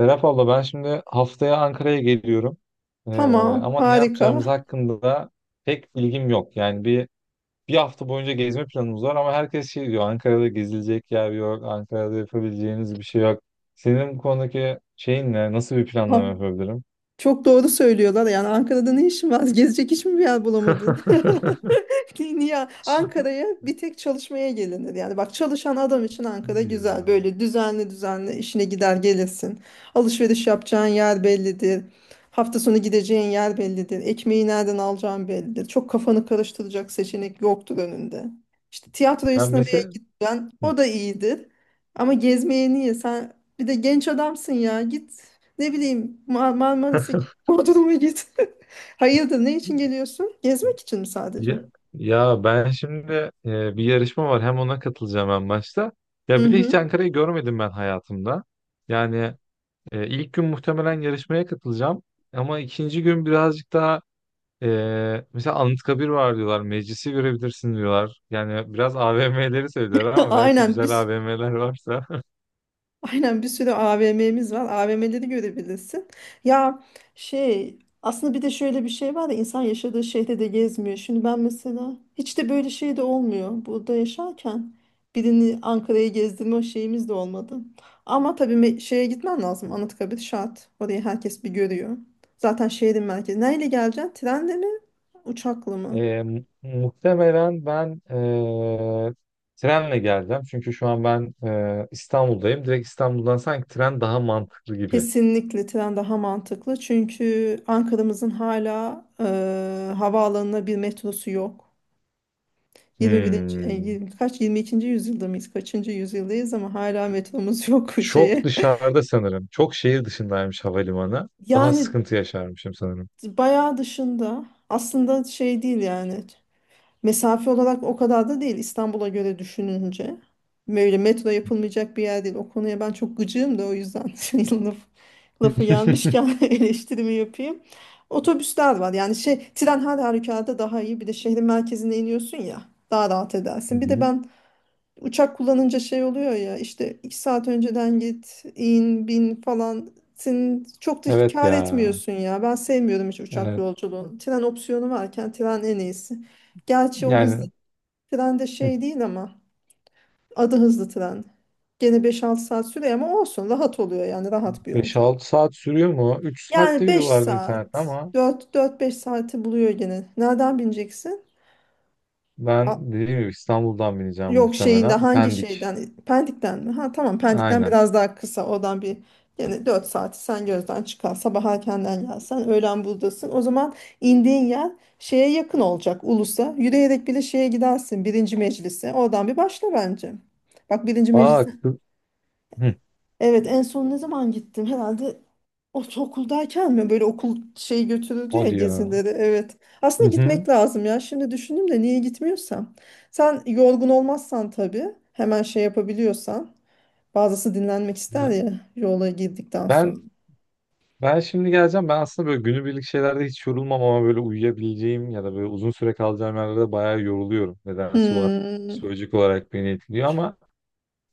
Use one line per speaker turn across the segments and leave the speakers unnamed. Serap abla ben şimdi haftaya Ankara'ya geliyorum. Ee,
Tamam,
ama ne yapacağımız
harika.
hakkında da pek bilgim yok. Yani bir hafta boyunca gezme planımız var ama herkes şey diyor Ankara'da gezilecek yer yok, Ankara'da yapabileceğiniz bir şey yok. Senin bu konudaki şeyin ne? Nasıl bir planlama yapabilirim?
Çok doğru söylüyorlar. Yani Ankara'da ne işin var? Gezecek hiçbir bir yer bulamadın? Niye Ankara'ya bir tek çalışmaya gelinir. Yani bak çalışan adam için Ankara
Hadi ya.
güzel. Böyle düzenli düzenli işine gider gelirsin. Alışveriş yapacağın yer bellidir. Hafta sonu gideceğin yer bellidir. Ekmeği nereden alacağın bellidir. Çok kafanı karıştıracak seçenek yoktur önünde. İşte tiyatroya
Ya
sinemaya
mesela...
gitsen o da iyidir. Ama gezmeye niye? Sen bir de genç adamsın ya git. Ne bileyim Marmaris'e git, Bodrum'a git. Hayırdır, ne için geliyorsun? Gezmek için mi sadece?
ya, ya ben şimdi bir yarışma var. Hem ona katılacağım en başta. Ya
Hı
bir de hiç
hı.
Ankara'yı görmedim ben hayatımda. Yani ilk gün muhtemelen yarışmaya katılacağım. Ama ikinci gün birazcık daha e, mesela Anıtkabir var diyorlar. Meclisi görebilirsin diyorlar. Yani biraz AVM'leri söylüyorlar ama belki
Aynen
güzel
biz
AVM'ler varsa.
Aynen bir sürü AVM'miz var. AVM'leri görebilirsin. Ya, şey aslında bir de şöyle bir şey var ya, insan yaşadığı şehirde de gezmiyor. Şimdi ben mesela hiç de böyle şey de olmuyor. Burada yaşarken birini Ankara'ya gezdirme şeyimiz de olmadı. Ama tabii şeye gitmen lazım. Anıtkabir şart. Orayı herkes bir görüyor. Zaten şehrin merkezi. Neyle geleceksin? Trenle mi? Uçakla mı?
Muhtemelen ben trenle geleceğim. Çünkü şu an ben İstanbul'dayım. Direkt İstanbul'dan sanki tren daha mantıklı gibi.
Kesinlikle tren daha mantıklı. Çünkü Ankara'mızın hala havaalanına bir metrosu yok. 21.
Hmm.
Kaç 22. yüzyılda mıyız? Kaçıncı yüzyıldayız ama hala metromuz yok bu
Çok
şeye.
dışarıda sanırım. Çok şehir dışındaymış havalimanı. Daha
Yani
sıkıntı yaşarmışım sanırım.
bayağı dışında aslında şey değil yani. Mesafe olarak o kadar da değil İstanbul'a göre düşününce. Böyle metro yapılmayacak bir yer değil. O konuya ben çok gıcığım da o yüzden lafı gelmişken eleştirimi yapayım. Otobüsler var. Yani şey tren her halükarda daha iyi. Bir de şehrin merkezine iniyorsun ya, daha rahat
Hı
edersin. Bir de
hı.
ben uçak kullanınca şey oluyor ya, işte iki saat önceden git, in, bin falan. Sen çok da
Evet
kâr
ya.
etmiyorsun ya. Ben sevmiyorum hiç uçak
Evet.
yolculuğunu. Tren opsiyonu varken tren en iyisi. Gerçi o hız,
Yani
tren de
hı,
şey değil ama adı hızlı tren. Gene 5-6 saat sürüyor ama olsun, rahat oluyor yani, rahat bir yolculuk.
5-6 saat sürüyor mu? 3 saatte
Yani 5
yiyorlardı internette
saat
ama
4-4-5 saati buluyor gene. Nereden bineceksin? A-
ben dediğim gibi İstanbul'dan bineceğim
yok şeyinde
muhtemelen.
hangi
Pendik.
şeyden? Pendik'ten mi? Ha tamam, Pendik'ten
Aynen.
biraz daha kısa oradan, bir yani 4 saati sen gözden çıkar. Sabah erkenden gelsen öğlen buradasın. O zaman indiğin yer şeye yakın olacak, Ulus'a. Yürüyerek bile şeye gidersin, birinci meclise. Oradan bir başla bence. Bak birinci meclis,
Bak. Hı, hı.
evet en son ne zaman gittim? Herhalde ortaokuldayken mi? Böyle okul şey götürüldü ya,
O diyor.
gezileri. Evet.
Hı
Aslında
hı.
gitmek lazım ya. Şimdi düşündüm de niye gitmiyorsam. Sen yorgun olmazsan tabii. Hemen şey yapabiliyorsan. Bazısı dinlenmek ister
Ya
ya yola girdikten sonra.
ben ben şimdi geleceğim. Ben aslında böyle günübirlik şeylerde hiç yorulmam ama böyle uyuyabileceğim ya da böyle uzun süre kalacağım yerlerde bayağı yoruluyorum. Nedense var.
Hmm.
Psikolojik olarak beni etkiliyor ama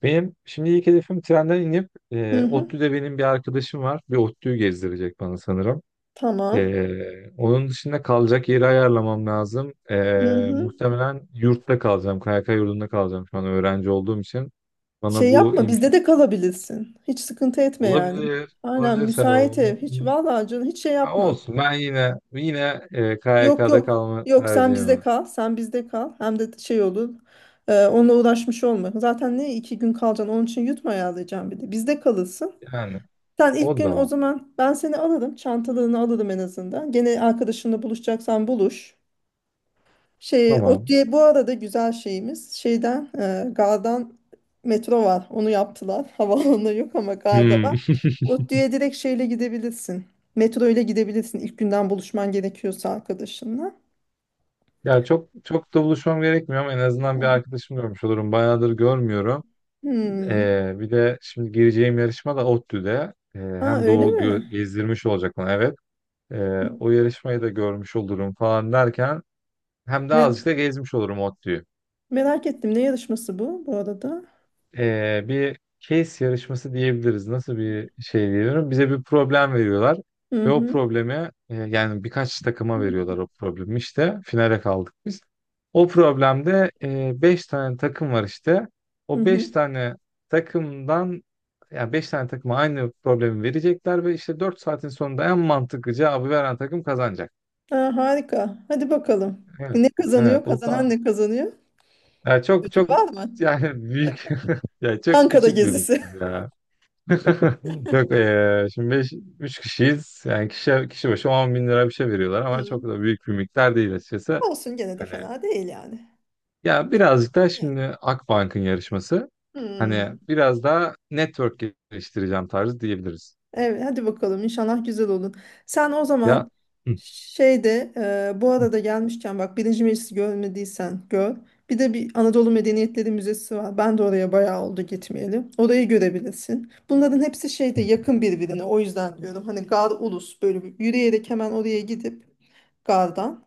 benim şimdi ilk hedefim trenden inip
Hı hı.
ODTÜ'de benim bir arkadaşım var. Bir ODTÜ'yü gezdirecek bana sanırım.
Tamam.
Onun dışında kalacak yeri ayarlamam lazım.
Hı hı.
Muhtemelen yurtta kalacağım. KYK yurdunda kalacağım şu an öğrenci olduğum için.
Şey
Bana bu
yapma, bizde
imkan
de kalabilirsin. Hiç sıkıntı etme yani.
olabilir.
Aynen,
Olabilir Serap,
müsait ev. Hiç vallahi canım, hiç şey
ha,
yapma.
olsun. Ben yine yine
Yok
KYK'da
yok.
kalma
Yok sen
tercihim
bizde
var.
kal. Sen bizde kal. Hem de şey olur. E, onunla uğraşmış olma. Zaten ne iki gün kalacaksın. Onun için yutma ayarlayacağım bir de. Bizde kalırsın.
Yani
Sen ilk
o
gün o
da
zaman ben seni alırım. Çantalarını alırım en azından. Gene arkadaşınla buluşacaksan buluş. Şey, o
tamam.
diye bu arada güzel şeyimiz şeyden gardan metro var. Onu yaptılar. Havaalanı yok ama garda
Hmm.
var. ODTÜ'ye direkt şeyle gidebilirsin. Metro ile gidebilirsin ilk günden, buluşman gerekiyorsa arkadaşınla.
Ya çok çok da buluşmam gerekmiyor ama en azından bir arkadaşım görmüş olurum. Bayağıdır görmüyorum.
Hmm.
Bir de şimdi gireceğim yarışma da ODTÜ'de.
Aa,
Hem
öyle mi?
gezdirmiş olacak bana, evet. O yarışmayı da görmüş olurum falan derken hem de
Me-
azıcık da gezmiş olurum ODTÜ'yü.
merak ettim. Ne yarışması bu arada?
Bir case yarışması diyebiliriz. Nasıl bir şey diyebilirim? Bize bir problem veriyorlar
Hı
ve o
hı.
problemi yani birkaç takıma veriyorlar
Hı
o problemi işte. Finale kaldık biz. O problemde 5 tane takım var işte.
hı.
O 5
Hı.
tane takımdan yani 5 tane takıma aynı problemi verecekler ve işte 4 saatin sonunda en mantıklı cevabı veren takım kazanacak.
Aa, harika. Hadi bakalım.
Evet.
Ne kazanıyor?
Evet, o da
Kazanan ne kazanıyor?
yani çok
Ödül
çok
var mı?
yani büyük, yani çok
Ankara
küçük bir
gezisi.
miktar ya. Yok, şimdi 5 3 kişiyiz. Yani kişi başı 10 bin lira bir şey veriyorlar ama
Hı.
çok da büyük bir miktar değil açıkçası.
Olsun, gene de
Hani
fena değil yani.
ya birazcık da şimdi Akbank'ın yarışması.
Hı.
Hani biraz daha network geliştireceğim tarzı diyebiliriz.
Evet, hadi bakalım, inşallah güzel olun. Sen o
Ya,
zaman
hı,
şeyde, bu
hı,
arada gelmişken bak Birinci Meclisi görmediysen gör. Bir de bir Anadolu Medeniyetleri Müzesi var. Ben de oraya bayağı oldu gitmeyeli. Orayı görebilirsin. Bunların hepsi şeyde
hı,
yakın, birbirine. O yüzden diyorum hani, Gar Ulus böyle bir yürüyerek hemen oraya gidip Gar'dan.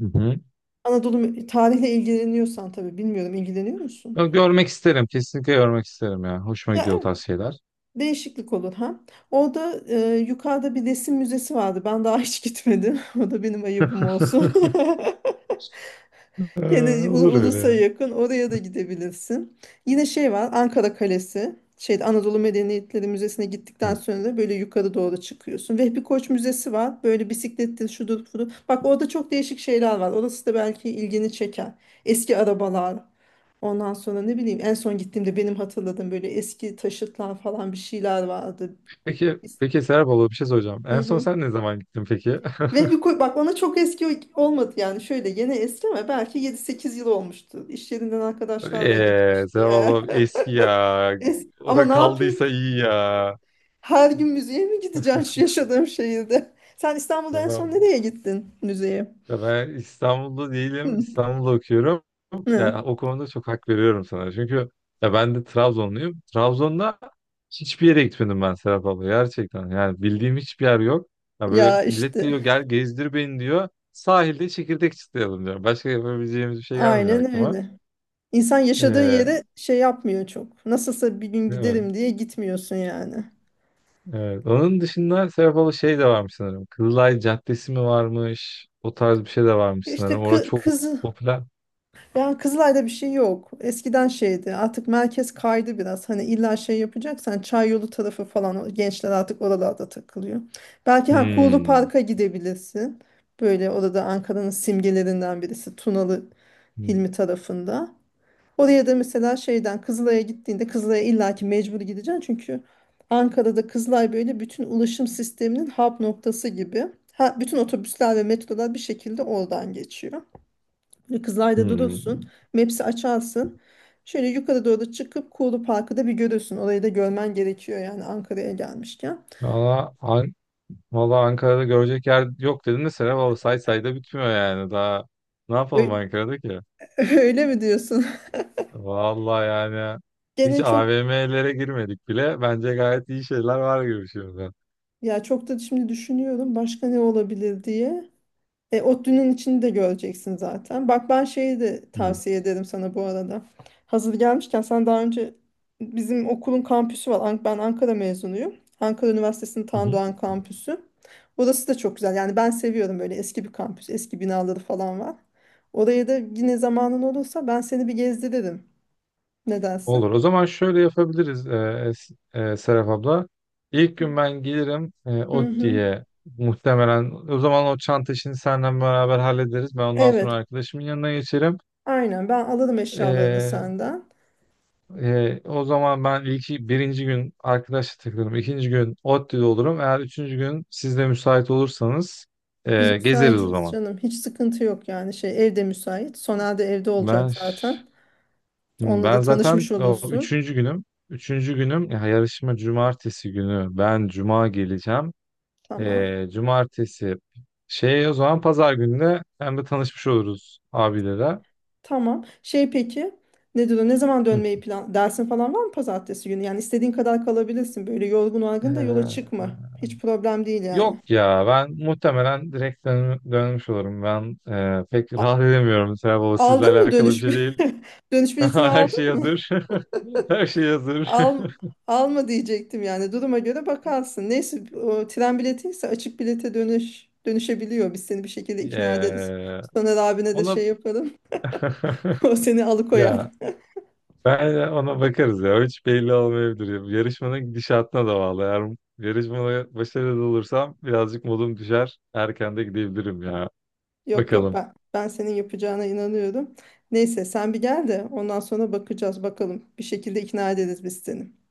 hı, hı.
Anadolu tarihle ilgileniyorsan tabii, bilmiyorum, ilgileniyor musun?
Ya görmek isterim. Kesinlikle görmek isterim ya. Hoşuma gidiyor o
Ya,
tarz şeyler.
değişiklik olur ha. Orada yukarıda bir resim müzesi vardı. Ben daha hiç gitmedim. O da benim ayıbım olsun. Gene
Olur öyle
ulusa
ya.
yakın. Oraya da gidebilirsin. Yine şey var, Ankara Kalesi. Şeyde Anadolu Medeniyetleri Müzesi'ne gittikten
Hı.
sonra da böyle yukarı doğru çıkıyorsun. Vehbi Koç Müzesi var. Böyle bisiklettir, şudur, budur. Bak orada çok değişik şeyler var. Orası da belki ilgini çeker. Eski arabalar. Ondan sonra ne bileyim, en son gittiğimde benim hatırladığım böyle eski taşıtlar falan, bir şeyler vardı.
Peki, peki Serap abla bir şey soracağım.
Hı
En son
hı.
sen ne zaman gittin peki?
Ve bir bak, ona çok eski olmadı yani, şöyle yeni eski ama belki yedi sekiz yıl olmuştu. İş yerinden arkadaşlarla gitmişti ya.
Tamam, eski ya.
Ama
Ora
ne yapayım?
kaldıysa iyi ya.
Her gün müzeye mi gideceğim şu yaşadığım şehirde? Sen İstanbul'da en son
Tamam.
nereye gittin müzeye?
Ya ben İstanbul'da değilim.
Hı.
İstanbul'da okuyorum.
Hı.
Ya o konuda çok hak veriyorum sana. Çünkü ya ben de Trabzonluyum. Trabzon'da hiçbir yere gitmedim ben Serap abla. Gerçekten. Yani bildiğim hiçbir yer yok. Ya böyle
Ya
millet
işte
geliyor, gel gezdir beni diyor. Sahilde çekirdek çıtlayalım diyor. Başka yapabileceğimiz bir şey gelmiyor
aynen
aklıma.
öyle. İnsan yaşadığı
Ee,
yere şey yapmıyor çok. Nasılsa bir gün
Değil mi?
giderim diye gitmiyorsun yani.
Evet. Onun dışında Serap abla şey de varmış sanırım. Kızılay Caddesi mi varmış? O tarz bir şey de varmış
İşte
sanırım. Orada
kı
çok
kız
popüler.
yani Kızılay'da bir şey yok. Eskiden şeydi. Artık merkez kaydı biraz. Hani illa şey yapacaksan çay yolu tarafı falan, o gençler artık oralarda takılıyor. Belki ha, Kuğulu
Hmm.
Park'a gidebilirsin. Böyle orada Ankara'nın simgelerinden birisi, Tunalı
Hmm.
Hilmi tarafında. Oraya da mesela şeyden Kızılay'a gittiğinde, Kızılay'a illaki mecbur gideceksin. Çünkü Ankara'da Kızılay böyle bütün ulaşım sisteminin hub noktası gibi. Ha, bütün otobüsler ve metrolar bir şekilde oradan geçiyor. Böyle Kızılay'da
Hmm.
durursun. Maps'i açarsın. Şöyle yukarı doğru çıkıp Kuğulu Parkı da bir görürsün. Orayı da görmen gerekiyor yani, Ankara'ya gelmişken.
Valla An- Valla Ankara'da görecek yer yok dedin de Serap abla, say say da bitmiyor yani. Daha ne yapalım
Ö-
Ankara'da ki?
Öyle mi diyorsun?
Valla yani hiç
Gene çok,
AVM'lere girmedik bile. Bence gayet iyi şeyler var gibi şimdi.
ya çok da şimdi düşünüyorum başka ne olabilir diye. E, ODTÜ'nün içini de göreceksin zaten. Bak ben şeyi de tavsiye ederim sana bu arada. Hazır gelmişken, sen daha önce bizim okulun kampüsü var. Ben Ankara mezunuyum. Ankara Üniversitesi'nin Tan Doğan kampüsü. Orası da çok güzel. Yani ben seviyorum böyle eski bir kampüs. Eski binaları falan var. Oraya da yine zamanın olursa ben seni bir gezdiririm. Ne
Olur.
dersin?
O zaman şöyle yapabiliriz Es- Serap abla. İlk gün ben gelirim
Hı hı.
ODTÜ'ye muhtemelen. O zaman o çanta işini senden beraber hallederiz. Ben ondan sonra
Evet.
arkadaşımın yanına geçerim.
Aynen, ben alırım eşyalarını
E,
senden.
O zaman ben birinci gün arkadaşla takılırım. İkinci gün ODTÜ'de olurum. Eğer üçüncü gün siz de müsait olursanız
Biz
gezeriz o
müsaitiz
zaman.
canım. Hiç sıkıntı yok yani, şey evde müsait. Sonel de evde olacak
Ben ş-
zaten. Onunla da
Ben zaten
tanışmış
o
olursun.
üçüncü günüm. Üçüncü günüm ya, yarışma cumartesi günü. Ben cuma geleceğim.
Tamam.
Cumartesi. Şey, o zaman pazar gününe hem de tanışmış oluruz abilere.
Tamam. Şey peki, ne diyor? Ne zaman
Hı.
dönmeyi plan dersin falan var mı pazartesi günü? Yani istediğin kadar kalabilirsin. Böyle yorgun argın da yola
Ee,
çıkma. Hiç problem değil yani.
Yok ya, ben muhtemelen direkt dönmüş olurum. Ben pek
A-
rahat edemiyorum Serap Baba. Sizle
aldın mı
alakalı bir şey değil.
dönüş biletini
Her şey
aldın mı?
hazır. Her şey hazır.
Al, alma diyecektim yani, duruma göre bakarsın. Neyse o tren biletiyse açık bilete dönüş dönüşebiliyor. Biz seni bir şekilde ikna ederiz.
Ee,
Soner abine de
ona
şey yaparım. O seni alıkoyar.
Ya ben ona bakarız ya. Hiç belli olmayabilir. Yarışmanın gidişatına da bağlı. Eğer yarışmada başarılı olursam birazcık modum düşer. Erken de gidebilirim ya.
Yok yok,
Bakalım.
ben senin yapacağına inanıyorum. Neyse sen bir gel de ondan sonra bakacağız bakalım. Bir şekilde ikna ederiz biz seni.